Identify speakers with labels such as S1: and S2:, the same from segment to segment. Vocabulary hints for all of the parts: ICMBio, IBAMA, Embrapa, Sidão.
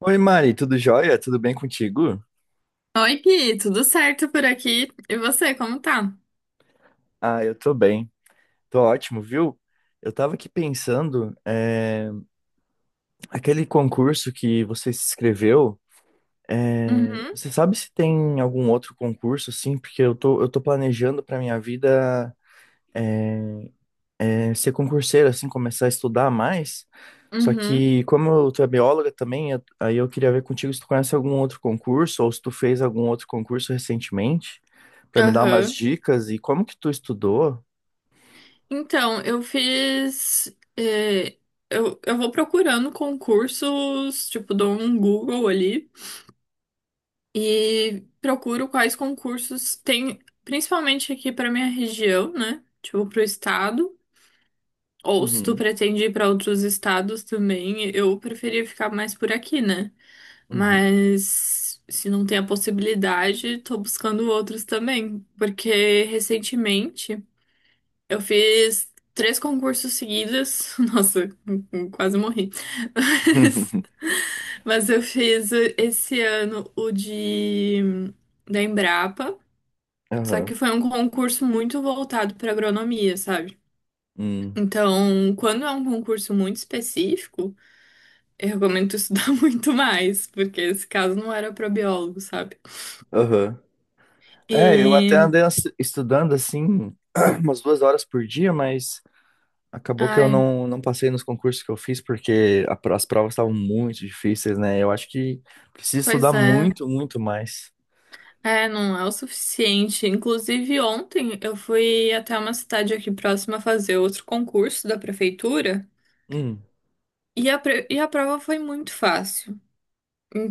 S1: Oi, Mari, tudo jóia? Tudo bem contigo?
S2: Oi, Gui, tudo certo por aqui? E você, como tá?
S1: Ah, eu tô bem. Tô ótimo, viu? Eu tava aqui pensando, aquele concurso que você se inscreveu,
S2: Uhum,
S1: você sabe se tem algum outro concurso, assim? Porque eu tô planejando pra minha vida, ser concurseiro, assim, começar a estudar mais. Só
S2: uhum,
S1: que, como eu, tu é bióloga também, aí eu queria ver contigo se tu conhece algum outro concurso ou se tu fez algum outro concurso recentemente, pra me dar umas
S2: aham.
S1: dicas e como que tu estudou.
S2: Então, eu fiz. eh, eu vou procurando concursos, tipo, dou um Google ali e procuro quais concursos tem, principalmente aqui pra minha região, né? Tipo, pro estado. Ou se tu pretende ir pra outros estados também, eu preferia ficar mais por aqui, né?
S1: Uhum.
S2: Mas se não tem a possibilidade, tô buscando outros também. Porque recentemente eu fiz três concursos seguidos. Nossa, quase morri. Mas, mas eu fiz esse ano o de da Embrapa. Só
S1: Aham.
S2: que foi um concurso muito voltado para agronomia, sabe?
S1: Hum.
S2: Então, quando é um concurso muito específico, eu recomendo tu estudar muito mais, porque esse caso não era para biólogo, sabe?
S1: Aham. É, eu até
S2: E,
S1: andei estudando assim umas 2 horas por dia, mas acabou que eu
S2: ai,
S1: não, não passei nos concursos que eu fiz porque as provas estavam muito difíceis, né? Eu acho que preciso
S2: pois
S1: estudar
S2: é.
S1: muito, muito mais.
S2: É, não é o suficiente. Inclusive, ontem eu fui até uma cidade aqui próxima fazer outro concurso da prefeitura
S1: Hum,
S2: e a prova foi muito fácil.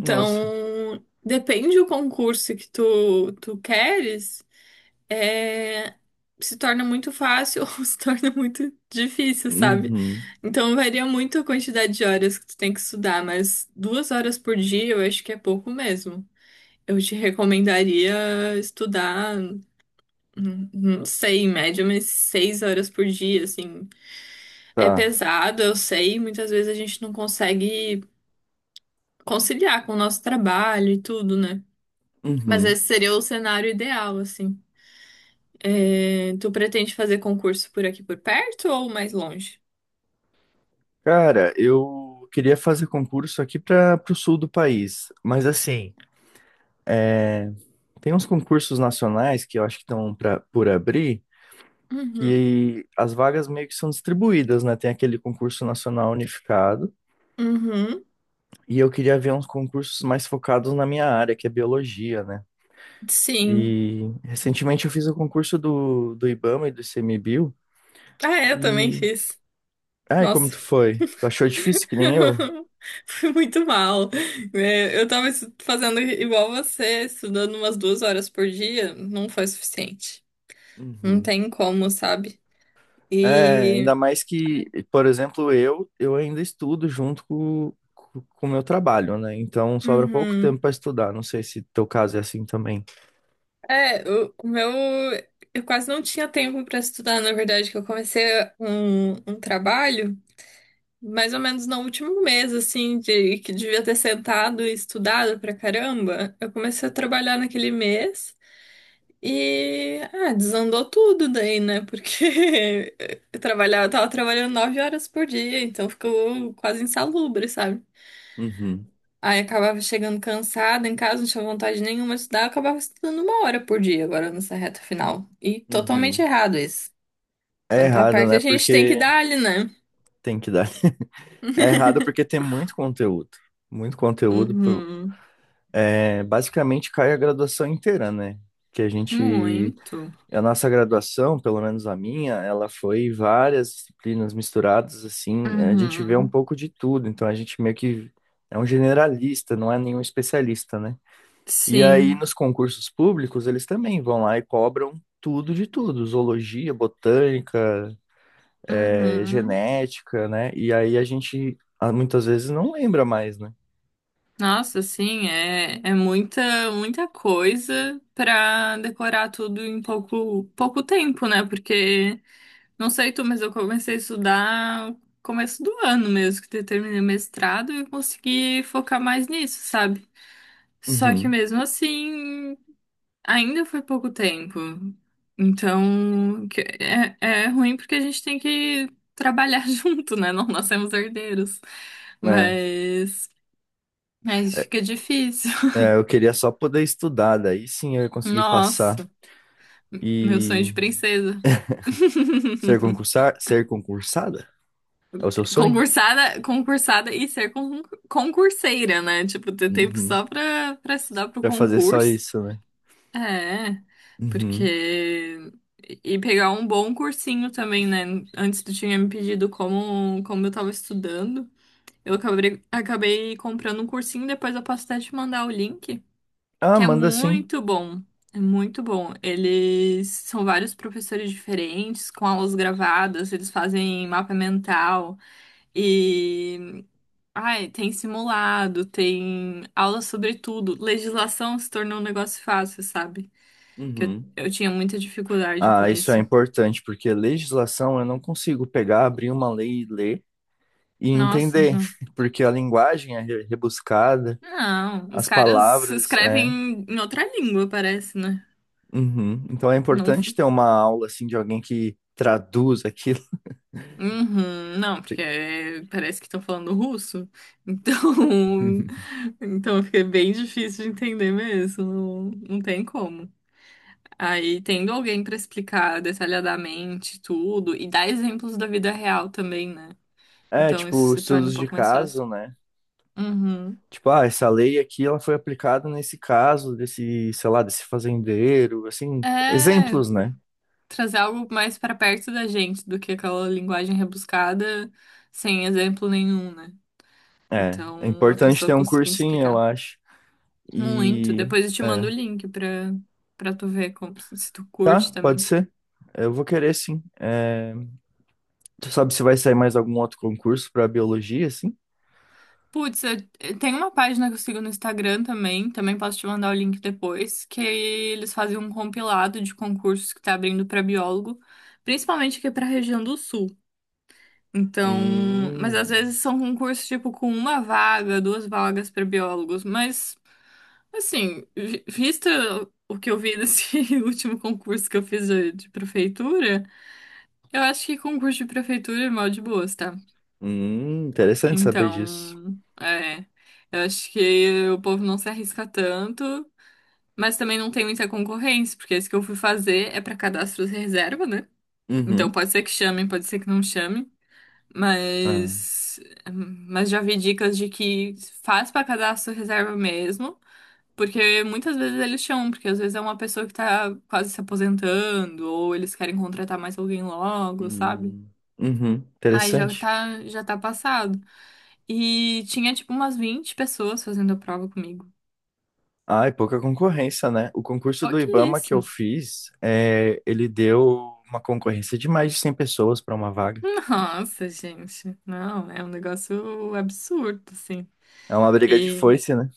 S1: nossa.
S2: depende do concurso que tu queres, é, se torna muito fácil ou se torna muito difícil, sabe?
S1: Uhum.
S2: Então, varia muito a quantidade de horas que tu tem que estudar, mas 2 horas por dia eu acho que é pouco mesmo. Eu te recomendaria estudar, não sei, em média, mas 6 horas por dia, assim. É
S1: Tá.
S2: pesado, eu sei, muitas vezes a gente não consegue conciliar com o nosso trabalho e tudo, né? Mas
S1: Uhum.
S2: esse seria o cenário ideal, assim. É, tu pretende fazer concurso por aqui por perto ou mais longe?
S1: Cara, eu queria fazer concurso aqui para o sul do país, mas assim, tem uns concursos nacionais que eu acho que estão por abrir.
S2: Uhum,
S1: Que as vagas meio que são distribuídas, né? Tem aquele concurso nacional unificado,
S2: uhum,
S1: e eu queria ver uns concursos mais focados na minha área, que é biologia, né?
S2: sim.
S1: E recentemente eu fiz o concurso do IBAMA e do ICMBio,
S2: Ah, é, eu também
S1: e...
S2: fiz.
S1: Ai, como
S2: Nossa,
S1: tu foi? Tu achou difícil que nem eu?
S2: fui muito mal. É, eu tava fazendo igual você, estudando umas 2 horas por dia, não foi suficiente. Não
S1: Uhum.
S2: tem como, sabe?
S1: É,
S2: E.
S1: ainda mais que, por exemplo, eu ainda estudo junto com o meu trabalho, né? Então sobra pouco tempo
S2: Uhum.
S1: para estudar. Não sei se teu caso é assim também.
S2: É, o meu. Eu quase não tinha tempo pra estudar, na verdade, que eu comecei um trabalho mais ou menos no último mês, assim, de que devia ter sentado e estudado pra caramba. Eu comecei a trabalhar naquele mês. E ah, desandou tudo daí, né? Porque eu tava trabalhando 9 horas por dia, então ficou quase insalubre, sabe?
S1: Uhum,
S2: Aí acabava chegando cansada em casa, não tinha vontade nenhuma de estudar, eu acabava estudando 1 hora por dia agora nessa reta final. E totalmente
S1: uhum.
S2: errado isso.
S1: É
S2: Quando tá
S1: errado,
S2: perto,
S1: né?
S2: a gente tem que
S1: Porque
S2: dar ali, né?
S1: tem que dar. É errado porque tem muito conteúdo. Muito conteúdo.
S2: Uhum.
S1: É, basicamente cai a graduação inteira, né? Que a gente.
S2: Muito.
S1: A nossa graduação, pelo menos a minha, ela foi várias disciplinas misturadas, assim. A gente vê um
S2: Uhum.
S1: pouco de tudo. Então a gente meio que é um generalista, não é nenhum especialista, né? E aí
S2: Sim.
S1: nos concursos públicos, eles também vão lá e cobram tudo de tudo: zoologia, botânica,
S2: Uhum.
S1: genética, né? E aí a gente, muitas vezes não lembra mais, né?
S2: Nossa, sim, é muita, muita coisa pra decorar tudo em pouco, pouco tempo, né? Porque, não sei tu, mas eu comecei a estudar no começo do ano mesmo, que eu terminei o mestrado e eu consegui focar mais nisso, sabe? Só que
S1: Uhum.
S2: mesmo assim, ainda foi pouco tempo. Então, é ruim porque a gente tem que trabalhar junto, né? Não nascemos herdeiros.
S1: É.
S2: Mas, aí fica difícil.
S1: É, eu queria só poder estudar, daí sim eu ia conseguir passar
S2: Nossa, meu
S1: e
S2: sonho de princesa.
S1: ser concursada? É o seu sonho?
S2: Concursada, concursada e ser concurseira, né? Tipo, ter tempo
S1: Uhum.
S2: só pra estudar pro
S1: Pra fazer só
S2: concurso.
S1: isso, né?
S2: É,
S1: Uhum.
S2: porque. E pegar um bom cursinho também, né? Antes tu tinha me pedido como eu tava estudando. Eu acabei comprando um cursinho, depois eu posso até te mandar o link.
S1: Ah,
S2: Que é
S1: manda sim.
S2: muito bom. É muito bom. Eles são vários professores diferentes, com aulas gravadas, eles fazem mapa mental e ai, tem simulado, tem aula sobre tudo. Legislação se tornou um negócio fácil, sabe? Que eu,
S1: Uhum.
S2: eu tinha muita dificuldade com
S1: Ah, isso é
S2: isso.
S1: importante, porque legislação eu não consigo pegar, abrir uma lei e ler e
S2: Nossa,
S1: entender,
S2: não.
S1: porque a linguagem é rebuscada,
S2: Não, os
S1: as
S2: caras
S1: palavras, é.
S2: escrevem em outra língua, parece, né?
S1: Uhum. Então é
S2: Não,
S1: importante ter uma aula assim de alguém que traduz aquilo.
S2: uhum, não, porque parece que estão falando russo, então, então fica bem difícil de entender mesmo, não, não tem como. Aí, tendo alguém para explicar detalhadamente tudo e dar exemplos da vida real também, né?
S1: É,
S2: Então, isso
S1: tipo,
S2: se torna um
S1: estudos de
S2: pouco mais fácil.
S1: caso, né?
S2: Uhum.
S1: Tipo, ah, essa lei aqui ela foi aplicada nesse caso desse, sei lá, desse fazendeiro, assim,
S2: É,
S1: exemplos, né?
S2: trazer algo mais para perto da gente do que aquela linguagem rebuscada sem exemplo nenhum, né?
S1: É, é
S2: Então, a
S1: importante
S2: pessoa
S1: ter um
S2: conseguindo
S1: cursinho, eu
S2: explicar.
S1: acho.
S2: Muito.
S1: E
S2: Depois eu te mando
S1: é,
S2: o link pra tu ver se tu
S1: tá,
S2: curte
S1: pode
S2: também.
S1: ser. Eu vou querer sim. É, tu sabe se vai sair mais algum outro concurso para biologia, assim?
S2: Putz, tem uma página que eu sigo no Instagram também posso te mandar o link depois, que eles fazem um compilado de concursos que tá abrindo pra biólogo, principalmente aqui pra região do Sul. Então, mas
S1: Hum,
S2: às vezes são concursos tipo com uma vaga, duas vagas pra biólogos, mas assim, visto o que eu vi desse último concurso que eu fiz de prefeitura. Eu acho que concurso de prefeitura é mal de boas, tá?
S1: interessante saber disso.
S2: Então, é. Eu acho que o povo não se arrisca tanto, mas também não tem muita concorrência, porque esse que eu fui fazer é pra cadastro de reserva, né? Então
S1: Uhum.
S2: pode ser que chamem, pode ser que não chamem,
S1: Ah,
S2: mas já vi dicas de que faz pra cadastro de reserva mesmo, porque muitas vezes eles chamam, porque às vezes é uma pessoa que tá quase se aposentando, ou eles querem contratar mais alguém logo, sabe?
S1: hum, uhum,
S2: Aí já
S1: interessante.
S2: tá, já tá passado. E tinha tipo umas 20 pessoas fazendo a prova comigo.
S1: Ah, e pouca concorrência, né? O concurso do IBAMA que eu
S2: Pouquíssimo.
S1: fiz, é, ele deu uma concorrência de mais de 100 pessoas para uma vaga.
S2: Nossa, gente. Não, é um negócio absurdo, assim.
S1: É uma briga de
S2: E
S1: foice, né?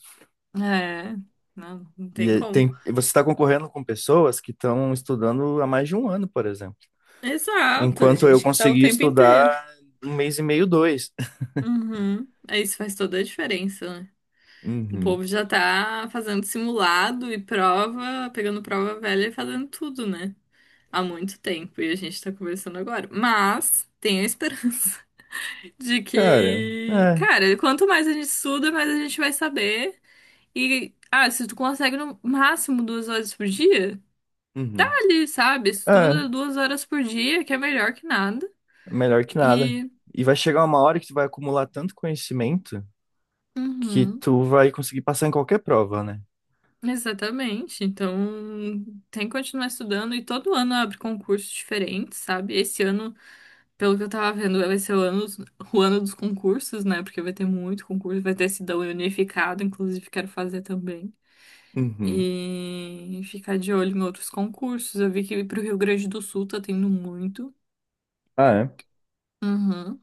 S2: é, não, não
S1: E
S2: tem
S1: é,
S2: como.
S1: tem, e você está concorrendo com pessoas que estão estudando há mais de um ano, por exemplo.
S2: Exato, a
S1: Enquanto eu
S2: gente que tá o
S1: consegui
S2: tempo
S1: estudar
S2: inteiro.
S1: um mês e meio, dois.
S2: Uhum. É, isso faz toda a diferença, né? O
S1: Uhum.
S2: povo já tá fazendo simulado e prova, pegando prova velha e fazendo tudo, né? Há muito tempo e a gente tá conversando agora. Mas tenho a esperança de
S1: Cara,
S2: que,
S1: é.
S2: cara, quanto mais a gente estuda, mais a gente vai saber. E, ah, se tu consegue no máximo 2 horas por dia, tá
S1: Uhum.
S2: ali, sabe?
S1: É,
S2: Estuda duas horas por dia, que é melhor que nada.
S1: melhor que nada.
S2: E.
S1: E vai chegar uma hora que tu vai acumular tanto conhecimento que
S2: Uhum.
S1: tu vai conseguir passar em qualquer prova, né?
S2: Exatamente. Então, tem que continuar estudando e todo ano abre concursos diferentes, sabe? Esse ano, pelo que eu tava vendo, vai ser o ano dos concursos, né? Porque vai ter muito concurso, vai ter Sidão unificado, inclusive quero fazer também.
S1: Uhum.
S2: E ficar de olho em outros concursos. Eu vi que pro Rio Grande do Sul tá tendo muito.
S1: Ah, é?
S2: Uhum.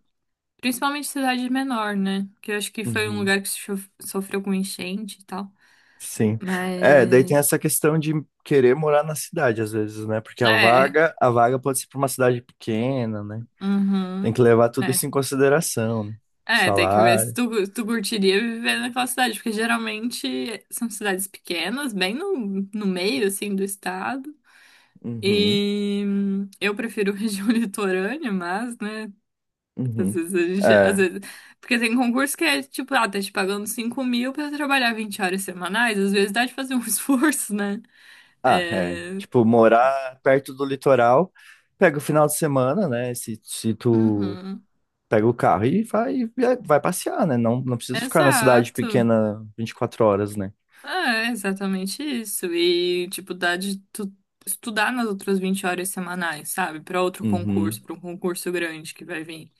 S2: Principalmente cidade menor, né? Que eu acho que foi um
S1: Uhum.
S2: lugar que sofreu com enchente e tal.
S1: Sim. É, daí tem
S2: Mas.
S1: essa questão de querer morar na cidade, às vezes, né? Porque a
S2: É.
S1: vaga, a vaga pode ser para uma cidade pequena, né? Tem
S2: Uhum.
S1: que levar tudo isso
S2: É.
S1: em consideração, né?
S2: É, tem que ver se
S1: Salário.
S2: tu curtiria viver naquela cidade, porque geralmente são cidades pequenas, bem no meio, assim, do estado.
S1: Uhum.
S2: E eu prefiro região litorânea, mas, né, às
S1: Uhum.
S2: vezes a gente, às
S1: É.
S2: vezes... Porque tem concurso que é, tipo, ah, tá te pagando 5.000 pra trabalhar 20 horas semanais, às vezes dá de fazer um esforço, né?
S1: Ah, é.
S2: É.
S1: Tipo, morar perto do litoral, pega o final de semana, né? Se tu
S2: Uhum.
S1: pega o carro e vai, vai passear, né? Não precisa ficar na cidade
S2: Exato.
S1: pequena 24 horas, né?
S2: É, exatamente isso. E, tipo, dá de tu estudar nas outras 20 horas semanais, sabe? Pra outro
S1: Uhum.
S2: concurso, pra um concurso grande que vai vir.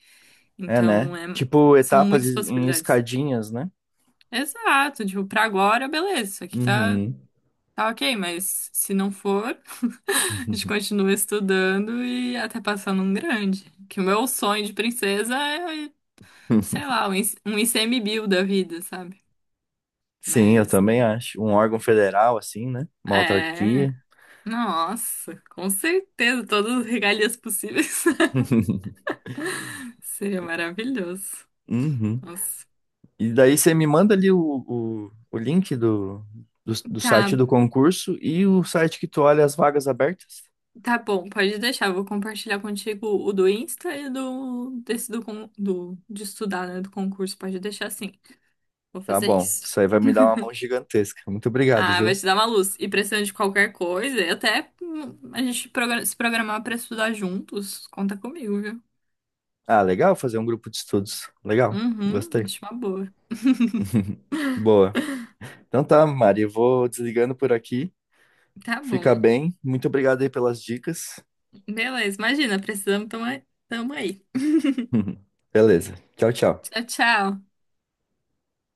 S1: É, né?
S2: Então, é,
S1: Tipo
S2: são
S1: etapas
S2: muitas
S1: em
S2: possibilidades.
S1: escadinhas, né?
S2: Exato, tipo, pra agora, beleza, isso aqui tá,
S1: Uhum.
S2: tá ok, mas se não for, a gente continua estudando e até passar num grande. Que o meu sonho de princesa é, sei lá, um IC um ICMBio da vida, sabe?
S1: Sim, eu
S2: Mas,
S1: também acho. Um órgão federal, assim, né? Uma
S2: é.
S1: autarquia.
S2: Nossa, com certeza, todas as regalias possíveis. Seria maravilhoso.
S1: Uhum.
S2: Nossa.
S1: E daí você me manda ali o link do site
S2: Tá,
S1: do concurso e o site que tu olha as vagas abertas?
S2: tá bom, pode deixar. Vou compartilhar contigo o do Insta e do desse do de estudar, né, do concurso. Pode deixar assim. Vou
S1: Tá
S2: fazer
S1: bom.
S2: isso.
S1: Isso aí vai me dar uma mão gigantesca. Muito obrigado,
S2: Ah, vai
S1: viu?
S2: te dar uma luz. E precisando de qualquer coisa, e até a gente se programar pra estudar juntos, conta comigo, viu?
S1: Ah, legal fazer um grupo de estudos. Legal.
S2: Uhum,
S1: Gostei.
S2: acho uma boa.
S1: Boa. Então tá, Mari, eu vou desligando por aqui.
S2: Tá
S1: Fica
S2: bom.
S1: bem. Muito obrigado aí pelas dicas.
S2: Beleza, imagina, precisamos, tamo aí.
S1: Beleza. Tchau, tchau.
S2: Tchau, tchau.